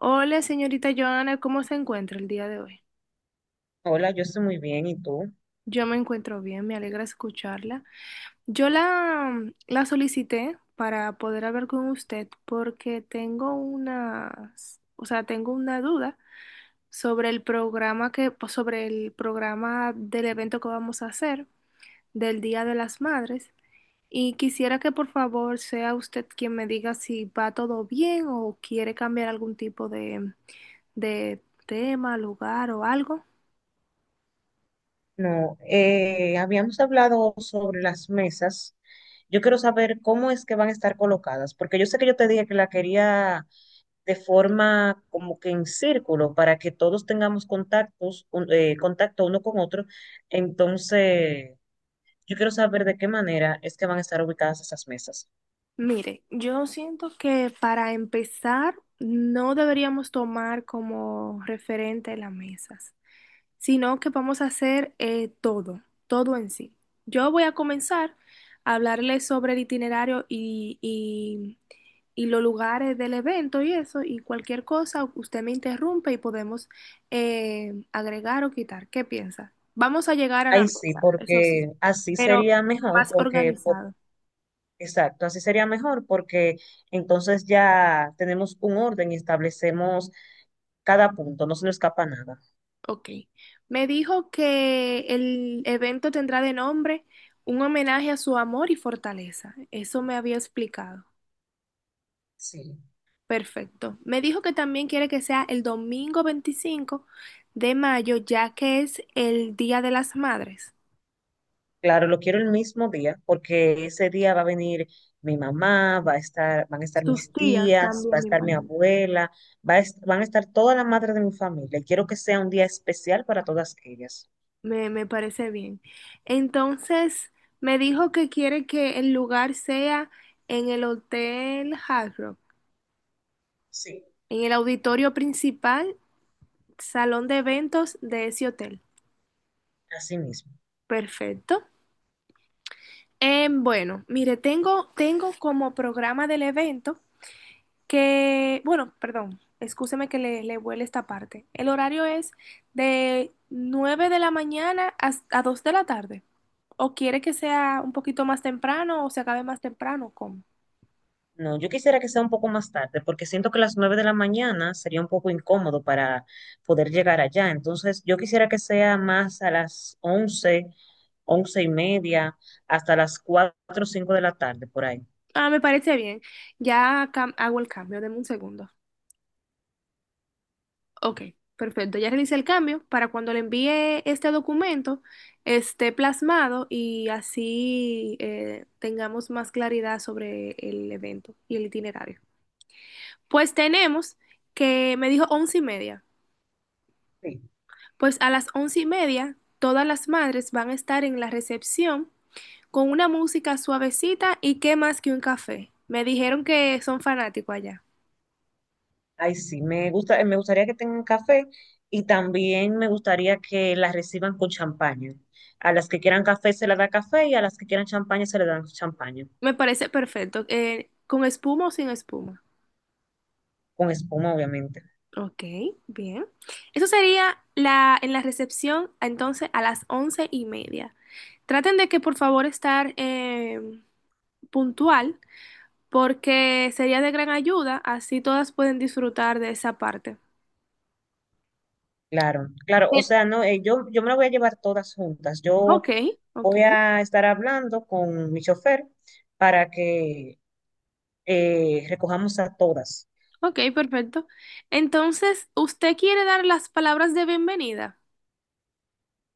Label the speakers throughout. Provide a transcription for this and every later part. Speaker 1: Hola, señorita Joana, ¿cómo se encuentra el día de hoy?
Speaker 2: Hola, yo estoy muy bien, ¿y tú?
Speaker 1: Yo me encuentro bien, me alegra escucharla. Yo la solicité para poder hablar con usted porque tengo unas, o sea, tengo una duda sobre el programa que, pues, sobre el programa del evento que vamos a hacer del Día de las Madres y quisiera que por favor sea usted quien me diga si va todo bien o quiere cambiar algún tipo de tema, lugar o algo.
Speaker 2: No, habíamos hablado sobre las mesas. Yo quiero saber cómo es que van a estar colocadas, porque yo sé que yo te dije que la quería de forma como que en círculo, para que todos tengamos contactos, contacto uno con otro. Entonces, yo quiero saber de qué manera es que van a estar ubicadas esas mesas.
Speaker 1: Mire, yo siento que para empezar no deberíamos tomar como referente las mesas, sino que vamos a hacer todo, todo en sí. Yo voy a comenzar a hablarles sobre el itinerario y los lugares del evento y eso, y cualquier cosa, usted me interrumpe y podemos agregar o quitar. ¿Qué piensa? Vamos a llegar a la
Speaker 2: Ahí sí,
Speaker 1: meta, eso sí,
Speaker 2: porque así
Speaker 1: pero
Speaker 2: sería mejor,
Speaker 1: más
Speaker 2: porque.
Speaker 1: organizado.
Speaker 2: Exacto, así sería mejor porque entonces ya tenemos un orden y establecemos cada punto, no se nos escapa nada.
Speaker 1: Ok. Me dijo que el evento tendrá de nombre un homenaje a su amor y fortaleza. Eso me había explicado.
Speaker 2: Sí.
Speaker 1: Perfecto. Me dijo que también quiere que sea el domingo 25 de mayo, ya que es el Día de las Madres.
Speaker 2: Claro, lo quiero el mismo día porque ese día va a venir mi mamá, va a estar, van a estar mis
Speaker 1: Sus tías
Speaker 2: tías, va a
Speaker 1: también, me
Speaker 2: estar mi
Speaker 1: imagino.
Speaker 2: abuela, van a estar todas las madres de mi familia y quiero que sea un día especial para todas ellas.
Speaker 1: Me parece bien. Entonces, me dijo que quiere que el lugar sea en el Hotel Hard Rock,
Speaker 2: Sí.
Speaker 1: en el auditorio principal Salón de eventos de ese hotel.
Speaker 2: Así mismo.
Speaker 1: Perfecto. Bueno, mire, tengo como programa del evento que, bueno, perdón, escúcheme que le vuele esta parte. El horario es de 9 de la mañana a 2 de la tarde. ¿O quiere que sea un poquito más temprano o se acabe más temprano? ¿Cómo?
Speaker 2: No, yo quisiera que sea un poco más tarde, porque siento que las 9 de la mañana sería un poco incómodo para poder llegar allá. Entonces, yo quisiera que sea más a las 11, 11:30, hasta las 4 o 5 de la tarde, por ahí.
Speaker 1: Ah, me parece bien. Ya hago el cambio. Deme un segundo. Ok, perfecto. Ya realicé el cambio para cuando le envíe este documento esté plasmado y así tengamos más claridad sobre el evento y el itinerario. Pues tenemos que me dijo 11:30.
Speaker 2: Sí.
Speaker 1: Pues a las 11:30 todas las madres van a estar en la recepción con una música suavecita y qué más que un café. Me dijeron que son fanáticos allá.
Speaker 2: Ay, sí, me gusta, me gustaría que tengan café y también me gustaría que las reciban con champaña. A las que quieran café se les da café y a las que quieran champaña se les dan champaña,
Speaker 1: Me parece perfecto. ¿Con espuma o sin espuma?
Speaker 2: con espuma, obviamente.
Speaker 1: Ok, bien. Eso sería la, en la recepción, entonces, a las 11:30. Traten de que, por favor, estar puntual, porque sería de gran ayuda, así todas pueden disfrutar de esa parte.
Speaker 2: Claro, claro, o
Speaker 1: Bien.
Speaker 2: sea, no, yo me la voy a llevar todas juntas. Yo
Speaker 1: Ok, ok,
Speaker 2: voy a estar hablando con mi chofer para que recojamos a todas.
Speaker 1: ok, perfecto. Entonces, ¿usted quiere dar las palabras de bienvenida?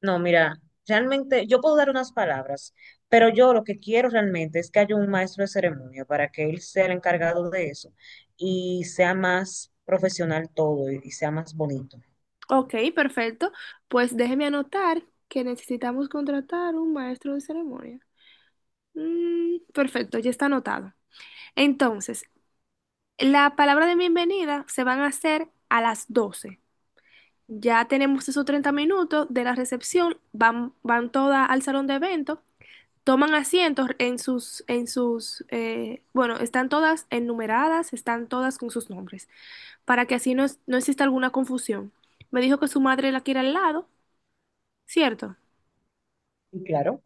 Speaker 2: No, mira, realmente yo puedo dar unas palabras, pero yo lo que quiero realmente es que haya un maestro de ceremonia para que él sea el encargado de eso y sea más profesional todo y sea más bonito.
Speaker 1: Ok, perfecto. Pues déjeme anotar que necesitamos contratar un maestro de ceremonia. Mm, perfecto, ya está anotado. Entonces, la palabra de bienvenida se van a hacer a las 12:00. Ya tenemos esos 30 minutos de la recepción, van, van todas al salón de eventos, toman asientos en sus, bueno, están todas enumeradas, están todas con sus nombres, para que así no, no exista alguna confusión. Me dijo que su madre la quiere al lado, ¿cierto?
Speaker 2: Y claro,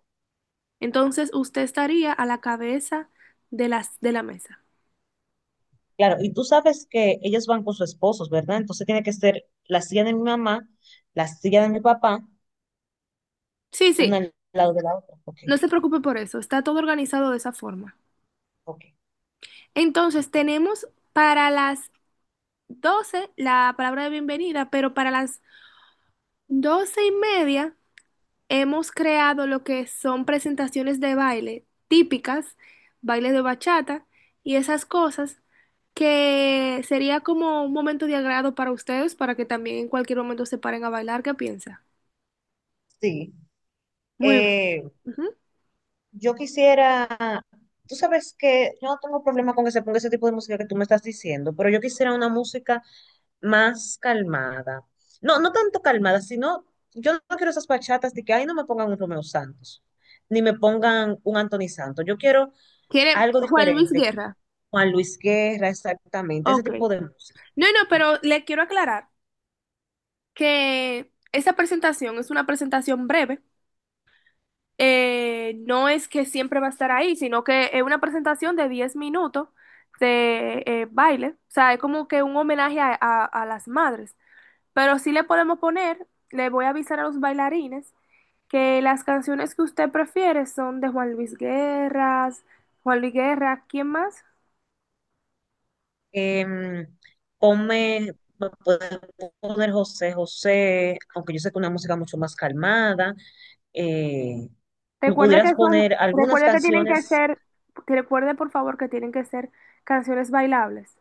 Speaker 1: Entonces usted estaría a la cabeza de la mesa.
Speaker 2: claro. Y tú sabes que ellas van con sus esposos, ¿verdad? Entonces tiene que ser la silla de mi mamá, la silla de mi papá,
Speaker 1: Sí, sí,
Speaker 2: una al lado de la otra. Ok,
Speaker 1: no se preocupe por eso, está todo organizado de esa forma.
Speaker 2: ok.
Speaker 1: Entonces, tenemos para las 12:00 la palabra de bienvenida, pero para las 12:30 hemos creado lo que son presentaciones de baile típicas, baile de bachata y esas cosas que sería como un momento de agrado para ustedes para que también en cualquier momento se paren a bailar. ¿Qué piensa?
Speaker 2: Sí.
Speaker 1: Muy bien.
Speaker 2: Eh,
Speaker 1: Ujú.
Speaker 2: Yo quisiera, tú sabes que yo no tengo problema con que se ponga ese tipo de música que tú me estás diciendo, pero yo quisiera una música más calmada. No, no tanto calmada, sino yo no quiero esas bachatas de que ahí no me pongan un Romeo Santos, ni me pongan un Anthony Santos. Yo quiero
Speaker 1: ¿Quiere
Speaker 2: algo
Speaker 1: Juan Luis
Speaker 2: diferente,
Speaker 1: Guerra?
Speaker 2: Juan Luis Guerra, exactamente, ese
Speaker 1: Ok.
Speaker 2: tipo de música.
Speaker 1: No, no, pero le quiero aclarar que esa presentación es una presentación breve no es que siempre va a estar ahí, sino que es una presentación de 10 minutos de baile. O sea, es como que un homenaje a las madres. Pero sí le podemos poner, le voy a avisar a los bailarines que las canciones que usted prefiere son de Juan Luis Guerra, Juan Luis Guerra, ¿quién más?
Speaker 2: Em, ponme, me puede poner José José, aunque yo sé que es una música mucho más calmada, eh, me pudieras poner algunas
Speaker 1: Recuerde que tienen que
Speaker 2: canciones,
Speaker 1: ser, que recuerde por favor que tienen que ser canciones bailables.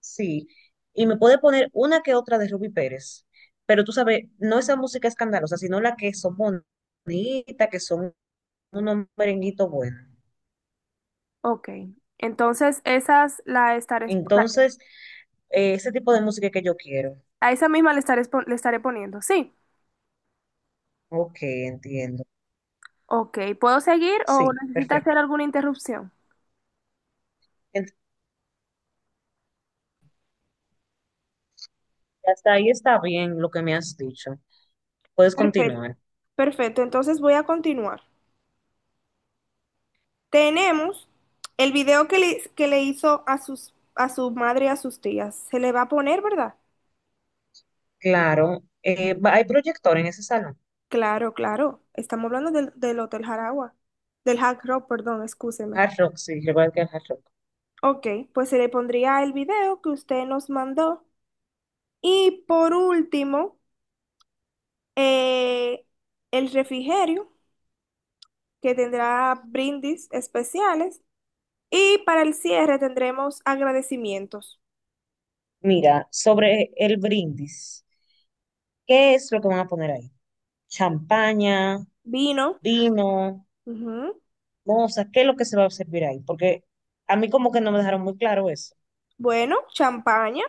Speaker 2: sí, y me puede poner una que otra de Ruby Pérez, pero tú sabes, no esa música escandalosa, sino la que son bonitas, que son unos merenguitos buenos.
Speaker 1: Ok, entonces esas la estaré, exp- la-
Speaker 2: Entonces, ese tipo de música que yo quiero.
Speaker 1: a esa misma le estaré, le estaré poniendo, sí.
Speaker 2: Ok, entiendo.
Speaker 1: Ok, ¿puedo seguir o
Speaker 2: Sí,
Speaker 1: necesita hacer
Speaker 2: perfecto.
Speaker 1: alguna interrupción?
Speaker 2: Ent- Hasta ahí está bien lo que me has dicho. Puedes
Speaker 1: Perfecto.
Speaker 2: continuar.
Speaker 1: Perfecto, entonces voy a continuar. Tenemos el video que le hizo a a su madre y a sus tías. Se le va a poner, ¿verdad?
Speaker 2: Claro, hay proyector en ese salón.
Speaker 1: Claro, claro. Estamos hablando del Hotel Jaragua. Del Hard Rock, perdón, excúseme.
Speaker 2: Hard Rock, sí, recuerda que es Hard Rock.
Speaker 1: Ok, pues se le pondría el video que usted nos mandó. Y por último, eh, el refrigerio, que tendrá brindis especiales. Y para el cierre tendremos agradecimientos,
Speaker 2: Mira, sobre el brindis, ¿qué es lo que van a poner ahí? Champaña,
Speaker 1: vino,
Speaker 2: vino,
Speaker 1: ujú,
Speaker 2: mozas, ¿qué es lo que se va a servir ahí? Porque a mí como que no me dejaron muy claro eso.
Speaker 1: bueno, champaña.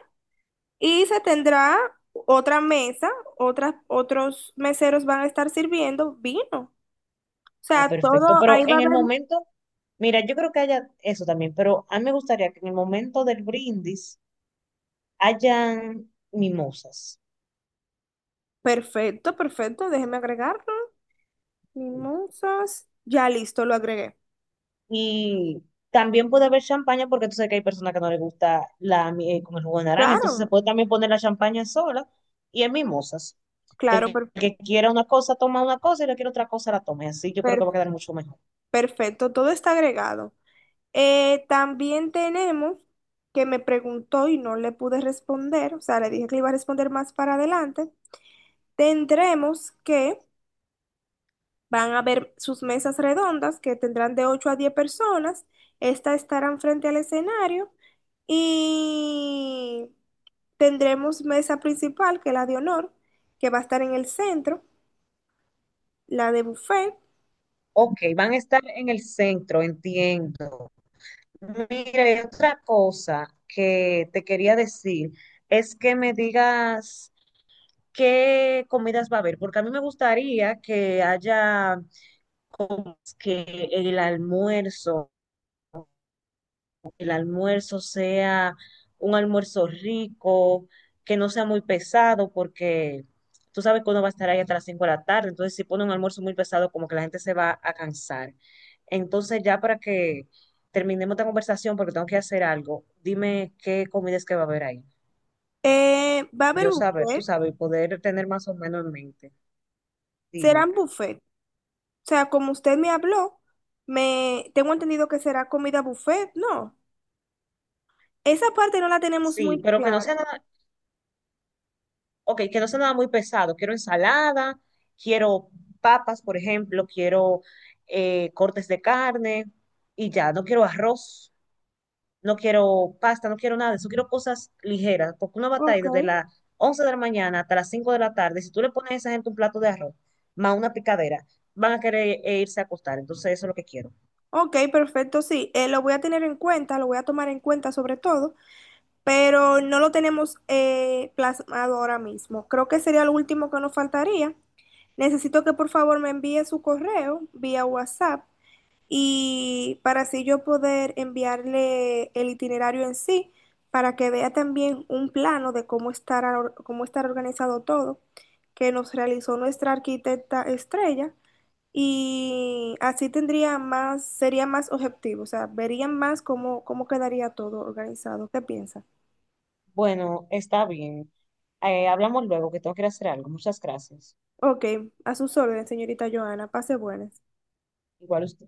Speaker 1: Y se tendrá otra mesa, otros meseros van a estar sirviendo vino. O
Speaker 2: Ah,
Speaker 1: sea,
Speaker 2: perfecto.
Speaker 1: todo
Speaker 2: Pero
Speaker 1: ahí va a
Speaker 2: en el
Speaker 1: haber...
Speaker 2: momento, mira, yo creo que haya eso también, pero a mí me gustaría que en el momento del brindis hayan mimosas.
Speaker 1: Perfecto, perfecto, déjeme agregarlo. Mimosas. Ya listo, lo agregué.
Speaker 2: Y también puede haber champaña porque tú sabes que hay personas que no les gusta la miel con el jugo de naranja. Entonces se
Speaker 1: Claro,
Speaker 2: puede también poner la champaña sola y en mimosas. Que
Speaker 1: claro,
Speaker 2: el que quiera una cosa toma una cosa y el que quiera otra cosa la tome. Así yo creo que va
Speaker 1: per-
Speaker 2: a quedar mucho mejor.
Speaker 1: perfecto, todo está agregado. También tenemos que me preguntó y no le pude responder, o sea, le dije que le iba a responder más para adelante. Tendremos que van a haber sus mesas redondas que tendrán de 8 a 10 personas. Estas estarán frente al escenario y tendremos mesa principal, que es la de honor, que va a estar en el centro, la de buffet.
Speaker 2: Ok, van a estar en el centro, entiendo. Mira, y otra cosa que te quería decir es que me digas qué comidas va a haber, porque a mí me gustaría que haya como que el almuerzo el almuerzo sea un almuerzo rico, que no sea muy pesado, porque tú sabes que uno va a estar ahí hasta las 5 de la tarde, entonces si pone un almuerzo muy pesado, como que la gente se va a cansar. Entonces ya para que terminemos esta conversación, porque tengo que hacer algo, dime qué comidas que va a haber ahí.
Speaker 1: Va a haber
Speaker 2: Yo saber, tú
Speaker 1: buffet,
Speaker 2: sabes, y poder tener más o menos en mente. Dime.
Speaker 1: serán buffet. O sea, como usted me habló, me tengo entendido que será comida buffet, ¿no? Esa parte no la tenemos
Speaker 2: Sí,
Speaker 1: muy
Speaker 2: pero que no
Speaker 1: clara.
Speaker 2: sea nada, ok, que no sea nada muy pesado, quiero ensalada, quiero papas, por ejemplo, quiero cortes de carne y ya, no quiero arroz, no quiero pasta, no quiero nada de eso, quiero cosas ligeras, porque una batalla
Speaker 1: Ok.
Speaker 2: desde las 11 de la mañana hasta las 5 de la tarde, si tú le pones a esa gente un plato de arroz más una picadera, van a querer irse a acostar, entonces eso es lo que quiero.
Speaker 1: Ok, perfecto, sí. Lo voy a tener en cuenta, lo voy a tomar en cuenta sobre todo, pero no lo tenemos plasmado ahora mismo. Creo que sería lo último que nos faltaría. Necesito que por favor me envíe su correo vía WhatsApp y para así yo poder enviarle el itinerario en sí, para que vea también un plano de cómo estará organizado todo, que nos realizó nuestra arquitecta Estrella, y así tendría más, sería más objetivo, o sea, verían más cómo, cómo quedaría todo organizado. ¿Qué piensa?
Speaker 2: Bueno, está bien. Hablamos luego, que tengo que ir a hacer algo. Muchas gracias.
Speaker 1: Ok, a sus órdenes, señorita Joana, pase buenas.
Speaker 2: Igual usted.